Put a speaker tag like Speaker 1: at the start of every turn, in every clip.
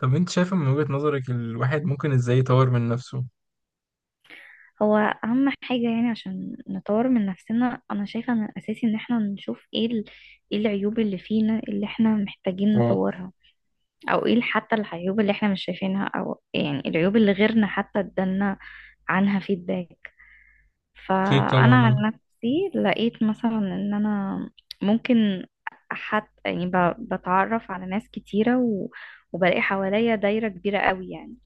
Speaker 1: طب انت شايفه من وجهة نظرك الواحد ممكن ازاي يطور من نفسه؟
Speaker 2: هو اهم حاجة يعني عشان نطور من نفسنا، انا شايفة ان الاساسي ان احنا نشوف ايه العيوب اللي فينا اللي احنا محتاجين
Speaker 1: اه.
Speaker 2: نطورها، او ايه حتى العيوب اللي احنا مش شايفينها، او يعني العيوب اللي غيرنا حتى ادالنا عنها فيدباك.
Speaker 1: اكيد طبعا،
Speaker 2: فانا عن
Speaker 1: اه.
Speaker 2: نفسي لقيت مثلا ان انا ممكن حتى يعني بتعرف على ناس كتيرة وبلاقي حواليا دايرة كبيرة قوي يعني.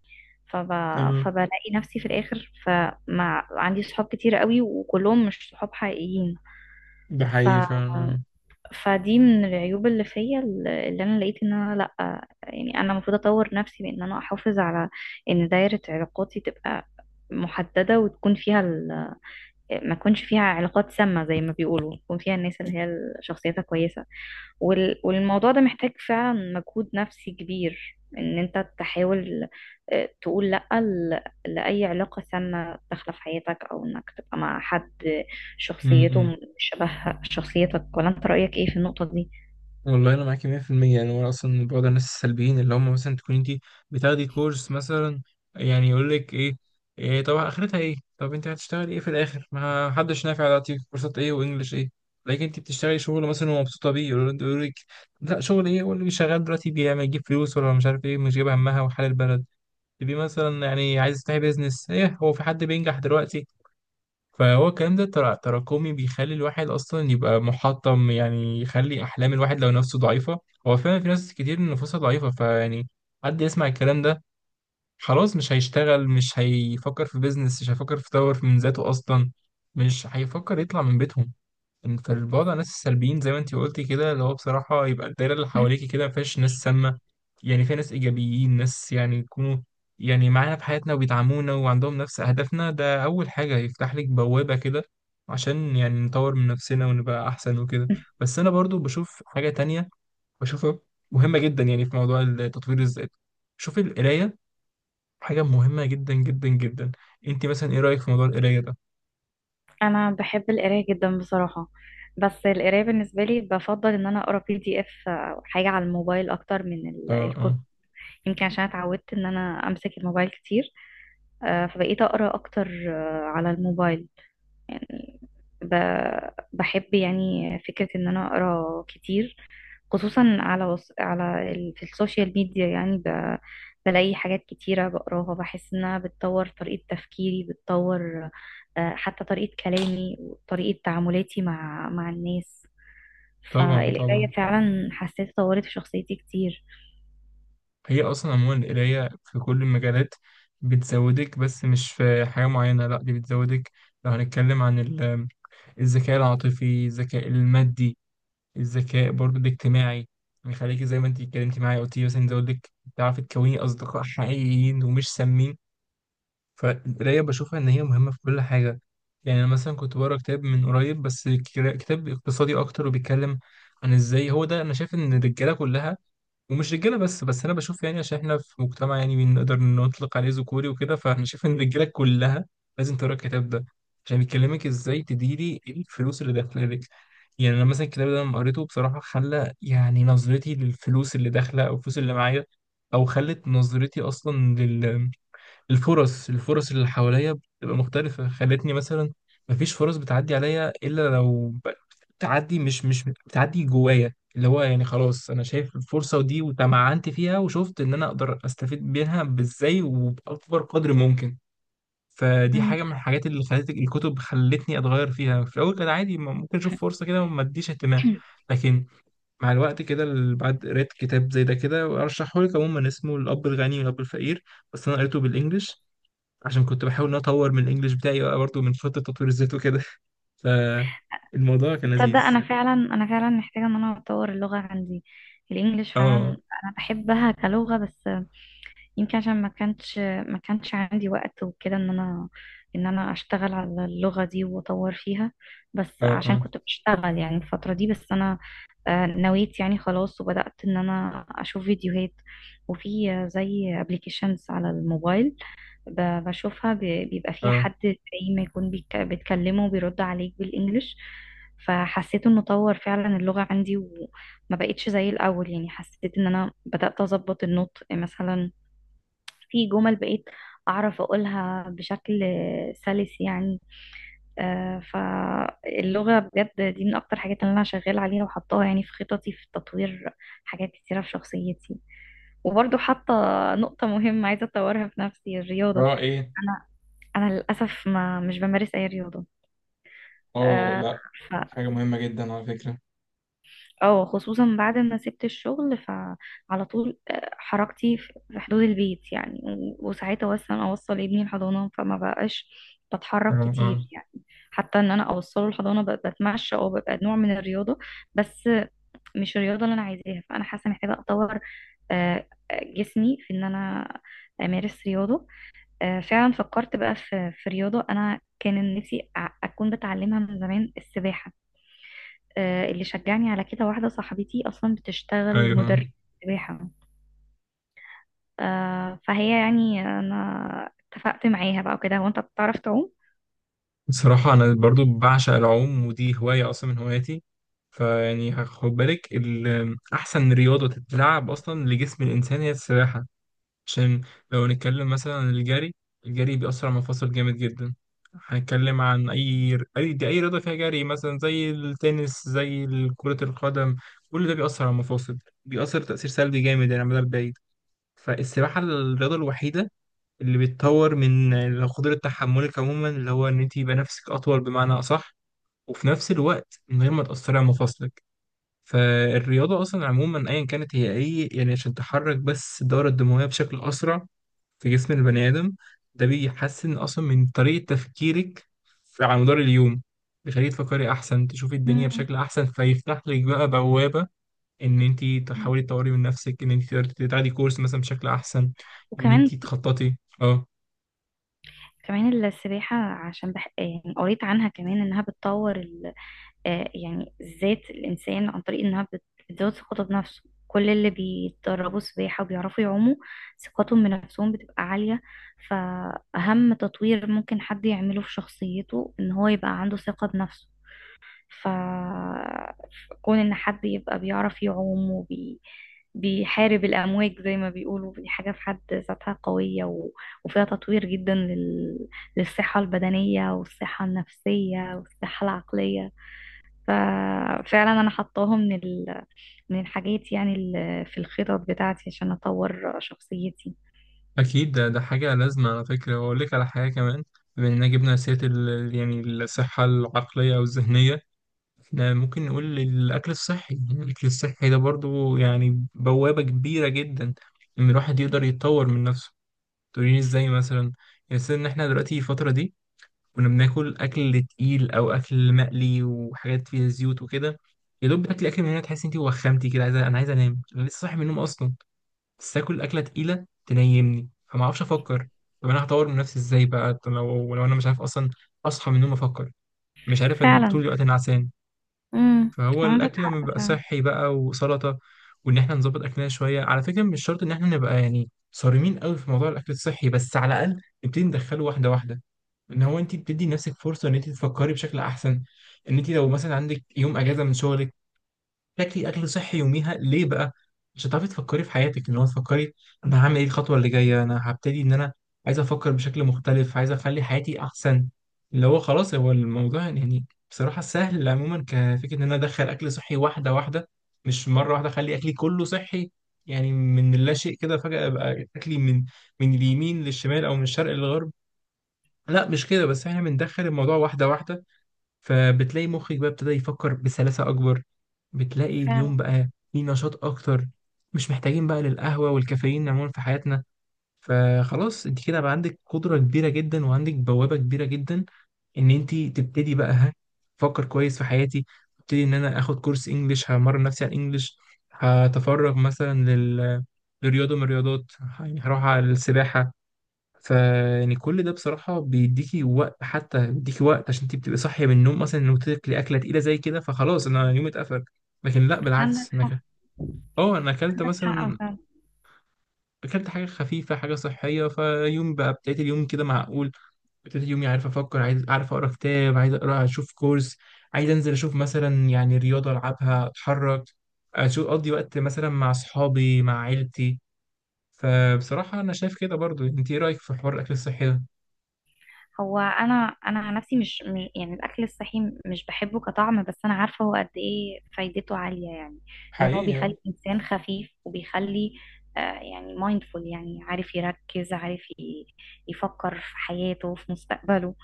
Speaker 2: فب...
Speaker 1: اه،
Speaker 2: فبلاقي نفسي في الاخر فمع عندي صحاب كتير قوي وكلهم مش صحاب حقيقيين.
Speaker 1: ده
Speaker 2: ف...
Speaker 1: حقيقي فعلا.
Speaker 2: فدي من العيوب اللي فيا اللي انا لقيت. ان انا لا، يعني انا المفروض اطور نفسي بان انا احافظ على ان دايرة علاقاتي تبقى محددة وتكون فيها ما تكونش فيها علاقات سامة زي ما بيقولوا، تكون فيها الناس اللي هي شخصيتها كويسة. والموضوع ده محتاج فعلا مجهود نفسي كبير ان انت تحاول تقول لأ لأي علاقة سامة داخلة في حياتك، او انك تبقى مع حد شخصيته
Speaker 1: امم.
Speaker 2: مش شبه شخصيتك. ولا انت رأيك ايه في النقطة دي؟
Speaker 1: والله انا معاكي 100%. يعني هو اصلا بعض الناس السلبيين اللي هم مثلا تكون انت بتاخدي كورس مثلا، يعني يقول لك ايه: إيه، طب اخرتها ايه؟ طب انت هتشتغلي ايه في الاخر؟ ما حدش نافع دلوقتي، كورسات ايه وانجلش ايه؟ لكن انت بتشتغلي شغل مثلا ومبسوطه بيه يقول لك لا، شغل ايه؟ واللي شغال دلوقتي بيعمل يجيب فلوس؟ ولا مش عارف ايه، مش جايب همها وحال البلد. تبقي مثلا يعني عايز تفتحي بيزنس، ايه هو في حد بينجح دلوقتي؟ فهو الكلام ده تراكمي، بيخلي الواحد اصلا يبقى محطم، يعني يخلي احلام الواحد لو نفسه ضعيفه. هو فعلا في ناس كتير نفوسها ضعيفه، فيعني حد يسمع الكلام ده خلاص مش هيشتغل، مش هيفكر في بيزنس، مش هيفكر في يطور من ذاته اصلا، مش هيفكر يطلع من بيتهم. انت البعد عن الناس السلبيين زي ما انت قلتي كده اللي هو بصراحة يبقى الدايرة اللي حواليكي كده ما فيهاش ناس سامة، يعني فيها ناس إيجابيين، ناس يعني يكونوا يعني معانا في حياتنا وبيدعمونا وعندهم نفس أهدافنا، ده أول حاجة يفتح لك بوابة كده عشان يعني نطور من نفسنا ونبقى أحسن وكده. بس أنا برضو بشوف حاجة تانية، بشوفها مهمة جدا يعني في موضوع التطوير الذاتي. شوف، القراية حاجة مهمة جدا جدا جدا. انت مثلا ايه رأيك في موضوع القراية ده؟
Speaker 2: انا بحب القراية جدا بصراحة. بس القراية بالنسبة لي بفضل ان انا اقرا بي دي اف او حاجة على الموبايل اكتر من
Speaker 1: اه، اه.
Speaker 2: الكتب. يمكن عشان اتعودت ان انا امسك الموبايل كتير. فبقيت اقرا اكتر على الموبايل. يعني ب... بحب يعني فكرة إن أنا أقرأ كتير، خصوصا على في السوشيال ميديا. يعني بلاقي حاجات كتيرة بقراها بحس إنها بتطور طريقة تفكيري، بتطور حتى طريقة كلامي وطريقة تعاملاتي مع الناس.
Speaker 1: طبعا،
Speaker 2: فالقراية
Speaker 1: طبعا.
Speaker 2: فعلا حسيت طورت في شخصيتي كتير.
Speaker 1: هي أصلا عموما القراية في كل المجالات بتزودك، بس مش في حاجة معينة، لأ، دي بتزودك لو هنتكلم عن الذكاء العاطفي، الذكاء المادي، الذكاء برضو الاجتماعي. بيخليكي زي ما انت اتكلمتي معايا قلتي مثلا، يزود لك تعرفي تكوني أصدقاء حقيقيين ومش سامين. فالقراية بشوفها إن هي مهمة في كل حاجة. يعني أنا مثلا كنت بقرا كتاب من قريب بس، كتاب اقتصادي أكتر، وبيتكلم عن إزاي هو ده. أنا شايف إن الرجالة كلها، ومش رجاله بس، بس انا بشوف يعني عشان احنا في مجتمع يعني بنقدر نطلق عليه ذكوري وكده، فاحنا شايف ان الرجاله كلها لازم تقرا الكتاب ده، عشان بيكلمك ازاي تديري إيه الفلوس اللي داخله لك. يعني انا مثلا الكتاب ده لما قريته بصراحه خلى يعني نظرتي للفلوس اللي داخله او الفلوس اللي معايا، او خلت نظرتي اصلا الفرص، الفرص اللي حواليا بتبقى مختلفة، خلتني مثلا مفيش فرص بتعدي عليا إلا لو بتعدي، مش بتعدي جوايا، اللي هو يعني خلاص أنا شايف الفرصة دي وتمعنت فيها وشفت إن أنا أقدر أستفيد منها بإزاي وبأكبر قدر ممكن. فدي
Speaker 2: مم.
Speaker 1: حاجة من الحاجات اللي خلت الكتب خلتني أتغير فيها، في الأول كان عادي، ممكن أشوف فرصة كده وما أديش اهتمام، لكن مع الوقت كده بعد قريت كتاب زي ده كده، وأرشحهولك عموما، اسمه الأب الغني والأب الفقير. بس أنا قريته بالإنجلش، عشان كنت بحاول ان أنا اطور من الانجليش بتاعي بقى برضه من خطة تطوير الذات وكده. فالموضوع كان
Speaker 2: تصدق
Speaker 1: لذيذ.
Speaker 2: أنا فعلا محتاجة إن أنا أطور اللغة عندي، الإنجليش فعلا.
Speaker 1: اه،
Speaker 2: أنا بحبها كلغة، بس يمكن عشان ما كانش عندي وقت وكده ان انا اشتغل على اللغة دي واطور فيها. بس
Speaker 1: اه.
Speaker 2: عشان
Speaker 1: اه،
Speaker 2: كنت بشتغل يعني الفترة دي. بس انا نويت يعني خلاص وبدأت ان انا اشوف فيديوهات. وفي زي ابلكيشنز على الموبايل، بشوفها. بيبقى فيها
Speaker 1: اه.
Speaker 2: حد زي ما يكون بتكلمه وبيرد عليك بالانجلش. فحسيت انه طور فعلا اللغة عندي وما بقتش زي الاول. يعني حسيت ان انا بدأت اظبط النطق مثلا. في جمل بقيت أعرف أقولها بشكل سلس يعني. فاللغة بجد دي من أكتر حاجات اللي أنا شغالة عليها وحطاها يعني في خططي، في تطوير حاجات كتيرة في شخصيتي. وبرضو حاطة نقطة مهمة عايزة أطورها في نفسي، الرياضة.
Speaker 1: اه، ايه.
Speaker 2: أنا أنا للأسف ما مش بمارس أي رياضة.
Speaker 1: اه،
Speaker 2: آه،
Speaker 1: لا، حاجة مهمة جدا على فكرة.
Speaker 2: اه خصوصا بعد ما سبت الشغل، فعلى طول حركتي في حدود البيت يعني. وساعتها اصلا اوصل ابني الحضانه فما بقاش بتحرك
Speaker 1: اه،
Speaker 2: كتير
Speaker 1: اه،
Speaker 2: يعني. حتى ان انا اوصله الحضانه بتمشى او ببقى نوع من الرياضه. بس مش الرياضه اللي انا عايزاها. فانا حاسه محتاجه اطور جسمي في ان انا امارس رياضه. فعلا فكرت بقى في رياضه انا كان نفسي اكون بتعلمها من زمان، السباحه. اللي شجعني على كده واحدة صاحبتي أصلا بتشتغل
Speaker 1: ايوه.
Speaker 2: مدرب سباحة. فهي يعني أنا اتفقت معاها بقى وكده. وأنت بتعرف تعوم؟
Speaker 1: بصراحة انا برضو بعشق العوم، ودي هواية اصلا من هواياتي. فيعني خد بالك، احسن رياضة تتلعب اصلا لجسم الانسان هي السباحة. عشان لو نتكلم مثلا عن الجري، الجري بيأثر على المفاصل جامد جدا. هنتكلم عن أي رياضة فيها جري مثلا زي التنس، زي كرة القدم، كل ده بيأثر على المفاصل، بيأثر تأثير سلبي جامد يعني على المدى البعيد. فالسباحة الرياضة الوحيدة اللي بتطور من قدرة تحملك عموما، اللي هو إن أنت يبقى نفسك أطول بمعنى أصح، وفي نفس الوقت من غير ما تأثري على مفاصلك. فالرياضة أصلا عموما أيا كانت هي إيه يعني؟ عشان تحرك بس الدورة الدموية بشكل أسرع في جسم البني آدم، ده بيحسن أصلا من طريقة تفكيرك على مدار اليوم، بيخليك تفكري أحسن، تشوفي الدنيا
Speaker 2: مم.
Speaker 1: بشكل أحسن، فيفتح لك بقى بوابة إن أنت تحاولي تطوري من نفسك، إن أنت تقدري تاخدي كورس مثلا بشكل أحسن، إن
Speaker 2: وكمان
Speaker 1: أنت تخططي. أه،
Speaker 2: كمان السباحة عشان يعني قريت عنها كمان إنها بتطور ال... آه، يعني ذات الإنسان، عن طريق إنها بتزود ثقته بنفسه. كل اللي بيتدربوا سباحة وبيعرفوا يعوموا ثقتهم بنفسهم بتبقى عالية. فأهم تطوير ممكن حد يعمله في شخصيته إن هو يبقى عنده ثقة بنفسه. ف كون ان حد يبقى بيعرف يعوم بيحارب الأمواج زي ما بيقولوا، دي حاجة في حد ذاتها قوية وفيها تطوير جدا للصحة البدنية والصحة النفسية والصحة العقلية. ففعلا أنا حطاها من من الحاجات يعني في الخطط بتاعتي عشان أطور شخصيتي.
Speaker 1: أكيد، ده حاجة لازمة على فكرة، وأقول لك على حاجة كمان. بما إننا جبنا سيرة يعني الصحة العقلية أو الذهنية، ممكن نقول الأكل الصحي. الأكل الصحي ده برضو يعني بوابة كبيرة جدا إن الواحد يقدر يتطور من نفسه. تقولين إزاي مثلا؟ يعني مثلا إن إحنا دلوقتي الفترة دي كنا بناكل أكل تقيل أو أكل مقلي وحاجات فيها زيوت وكده، يا دوب بتاكلي أكل من هنا تحسي إنتي وخمتي كده، عايزة، أنا عايز أنام، أنا لسه صاحي من النوم أصلا، بس آكل أكلة تقيلة تنيمني، فما أعرفش أفكر. طب أنا هطور من نفسي إزاي بقى؟ طب لو أنا مش عارف أصلا أصحى من النوم أفكر، مش عارف، إن طول
Speaker 2: فعلا.
Speaker 1: الوقت أنا عسان.
Speaker 2: امم.
Speaker 1: فهو
Speaker 2: عندك
Speaker 1: الاكل لما
Speaker 2: حق
Speaker 1: بيبقى
Speaker 2: فعلا.
Speaker 1: صحي بقى وسلطه، وان احنا نظبط اكلنا شويه، على فكره مش شرط ان احنا نبقى يعني صارمين قوي في موضوع الاكل الصحي، بس على الاقل نبتدي ندخله واحده واحده، ان هو انت بتدي نفسك فرصه ان انت تفكري بشكل احسن. ان انت لو مثلا عندك يوم اجازه من شغلك، تاكلي اكل صحي يوميها، ليه بقى؟ مش هتعرفي تفكري في حياتك، ان هو تفكري انا هعمل ايه، الخطوه اللي جايه انا هبتدي ان انا عايز افكر بشكل مختلف، عايز اخلي حياتي احسن. اللي هو خلاص، هو الموضوع يعني بصراحه سهل عموما كفكره، ان انا ادخل اكل صحي واحده واحده، مش مره واحده اخلي اكلي كله صحي، يعني من لا شيء كده فجاه ابقى اكلي من اليمين للشمال او من الشرق للغرب. لا، مش كده، بس احنا بندخل الموضوع واحده واحده. فبتلاقي مخك بقى ابتدى يفكر بسلاسة أكبر، بتلاقي
Speaker 2: فعلا،
Speaker 1: اليوم بقى فيه نشاط أكتر، مش محتاجين بقى للقهوة والكافيين عموما في حياتنا. فخلاص انت كده بقى عندك قدرة كبيرة جدا، وعندك بوابة كبيرة جدا ان انت تبتدي بقى، ها، افكر كويس في حياتي، ابتدي ان انا اخد كورس انجليش، همرن نفسي على الانجليش، هتفرغ مثلا لرياضة من الرياضات، يعني هروح على السباحة. فيعني كل ده بصراحة بيديكي وقت، حتى بيديكي وقت عشان انت بتبقي صاحية من النوم مثلا، انه تاكلي أكلة تقيلة زي كده فخلاص انا يومي اتقفل، لكن لا،
Speaker 2: عندك
Speaker 1: بالعكس، انك اه انا اكلت
Speaker 2: عندك
Speaker 1: مثلا،
Speaker 2: حق فعلا.
Speaker 1: اكلت حاجة خفيفة، حاجة صحية، فيوم بقى ابتديت اليوم كده معقول، ابتديت يومي عارف افكر، عايز، عارف اقرا كتاب، عايز اقرا، اشوف كورس، عايز انزل اشوف مثلا يعني رياضه العبها اتحرك، اشوف اقضي وقت مثلا مع اصحابي مع عيلتي. فبصراحه انا شايف كده برضو، انت ايه رايك في حوار الاكل الصحي ده؟
Speaker 2: هو انا عن نفسي يعني الاكل الصحي مش بحبه كطعم. بس انا عارفه هو قد ايه فايدته عاليه، يعني ان هو بيخلي
Speaker 1: حقيقي،
Speaker 2: الانسان خفيف. وبيخلي يعني مايندفول، يعني عارف يركز، عارف يفكر في حياته في مستقبله.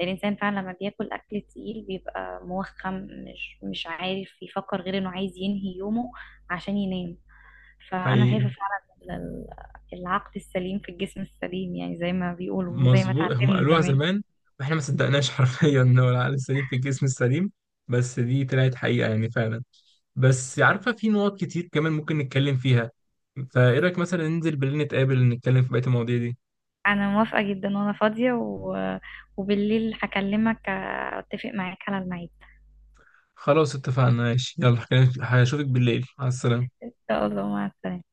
Speaker 2: الانسان فعلا لما بياكل اكل تقيل بيبقى موخم. مش عارف يفكر غير انه عايز ينهي يومه عشان ينام. فانا
Speaker 1: حقيقي.
Speaker 2: شايفه فعلا ال- العقل السليم في الجسم السليم، يعني زي ما بيقولوا وزي ما
Speaker 1: مظبوط، هم
Speaker 2: اتعلمنا
Speaker 1: قالوها
Speaker 2: زمان.
Speaker 1: زمان واحنا ما صدقناش حرفيا، ان هو العقل السليم في الجسم السليم. بس دي طلعت حقيقة يعني فعلا. بس عارفة في نقط كتير كمان ممكن نتكلم فيها، فايه رأيك مثلا ننزل بالليل نتقابل نتكلم في بقية المواضيع دي؟
Speaker 2: انا موافقة جدا وانا فاضية وبالليل هكلمك، اتفق معاك على الميعاد.
Speaker 1: خلاص، اتفقنا، ماشي، يلا، هشوفك بالليل، على السلامة.
Speaker 2: ان شاء الله، مع السلامة.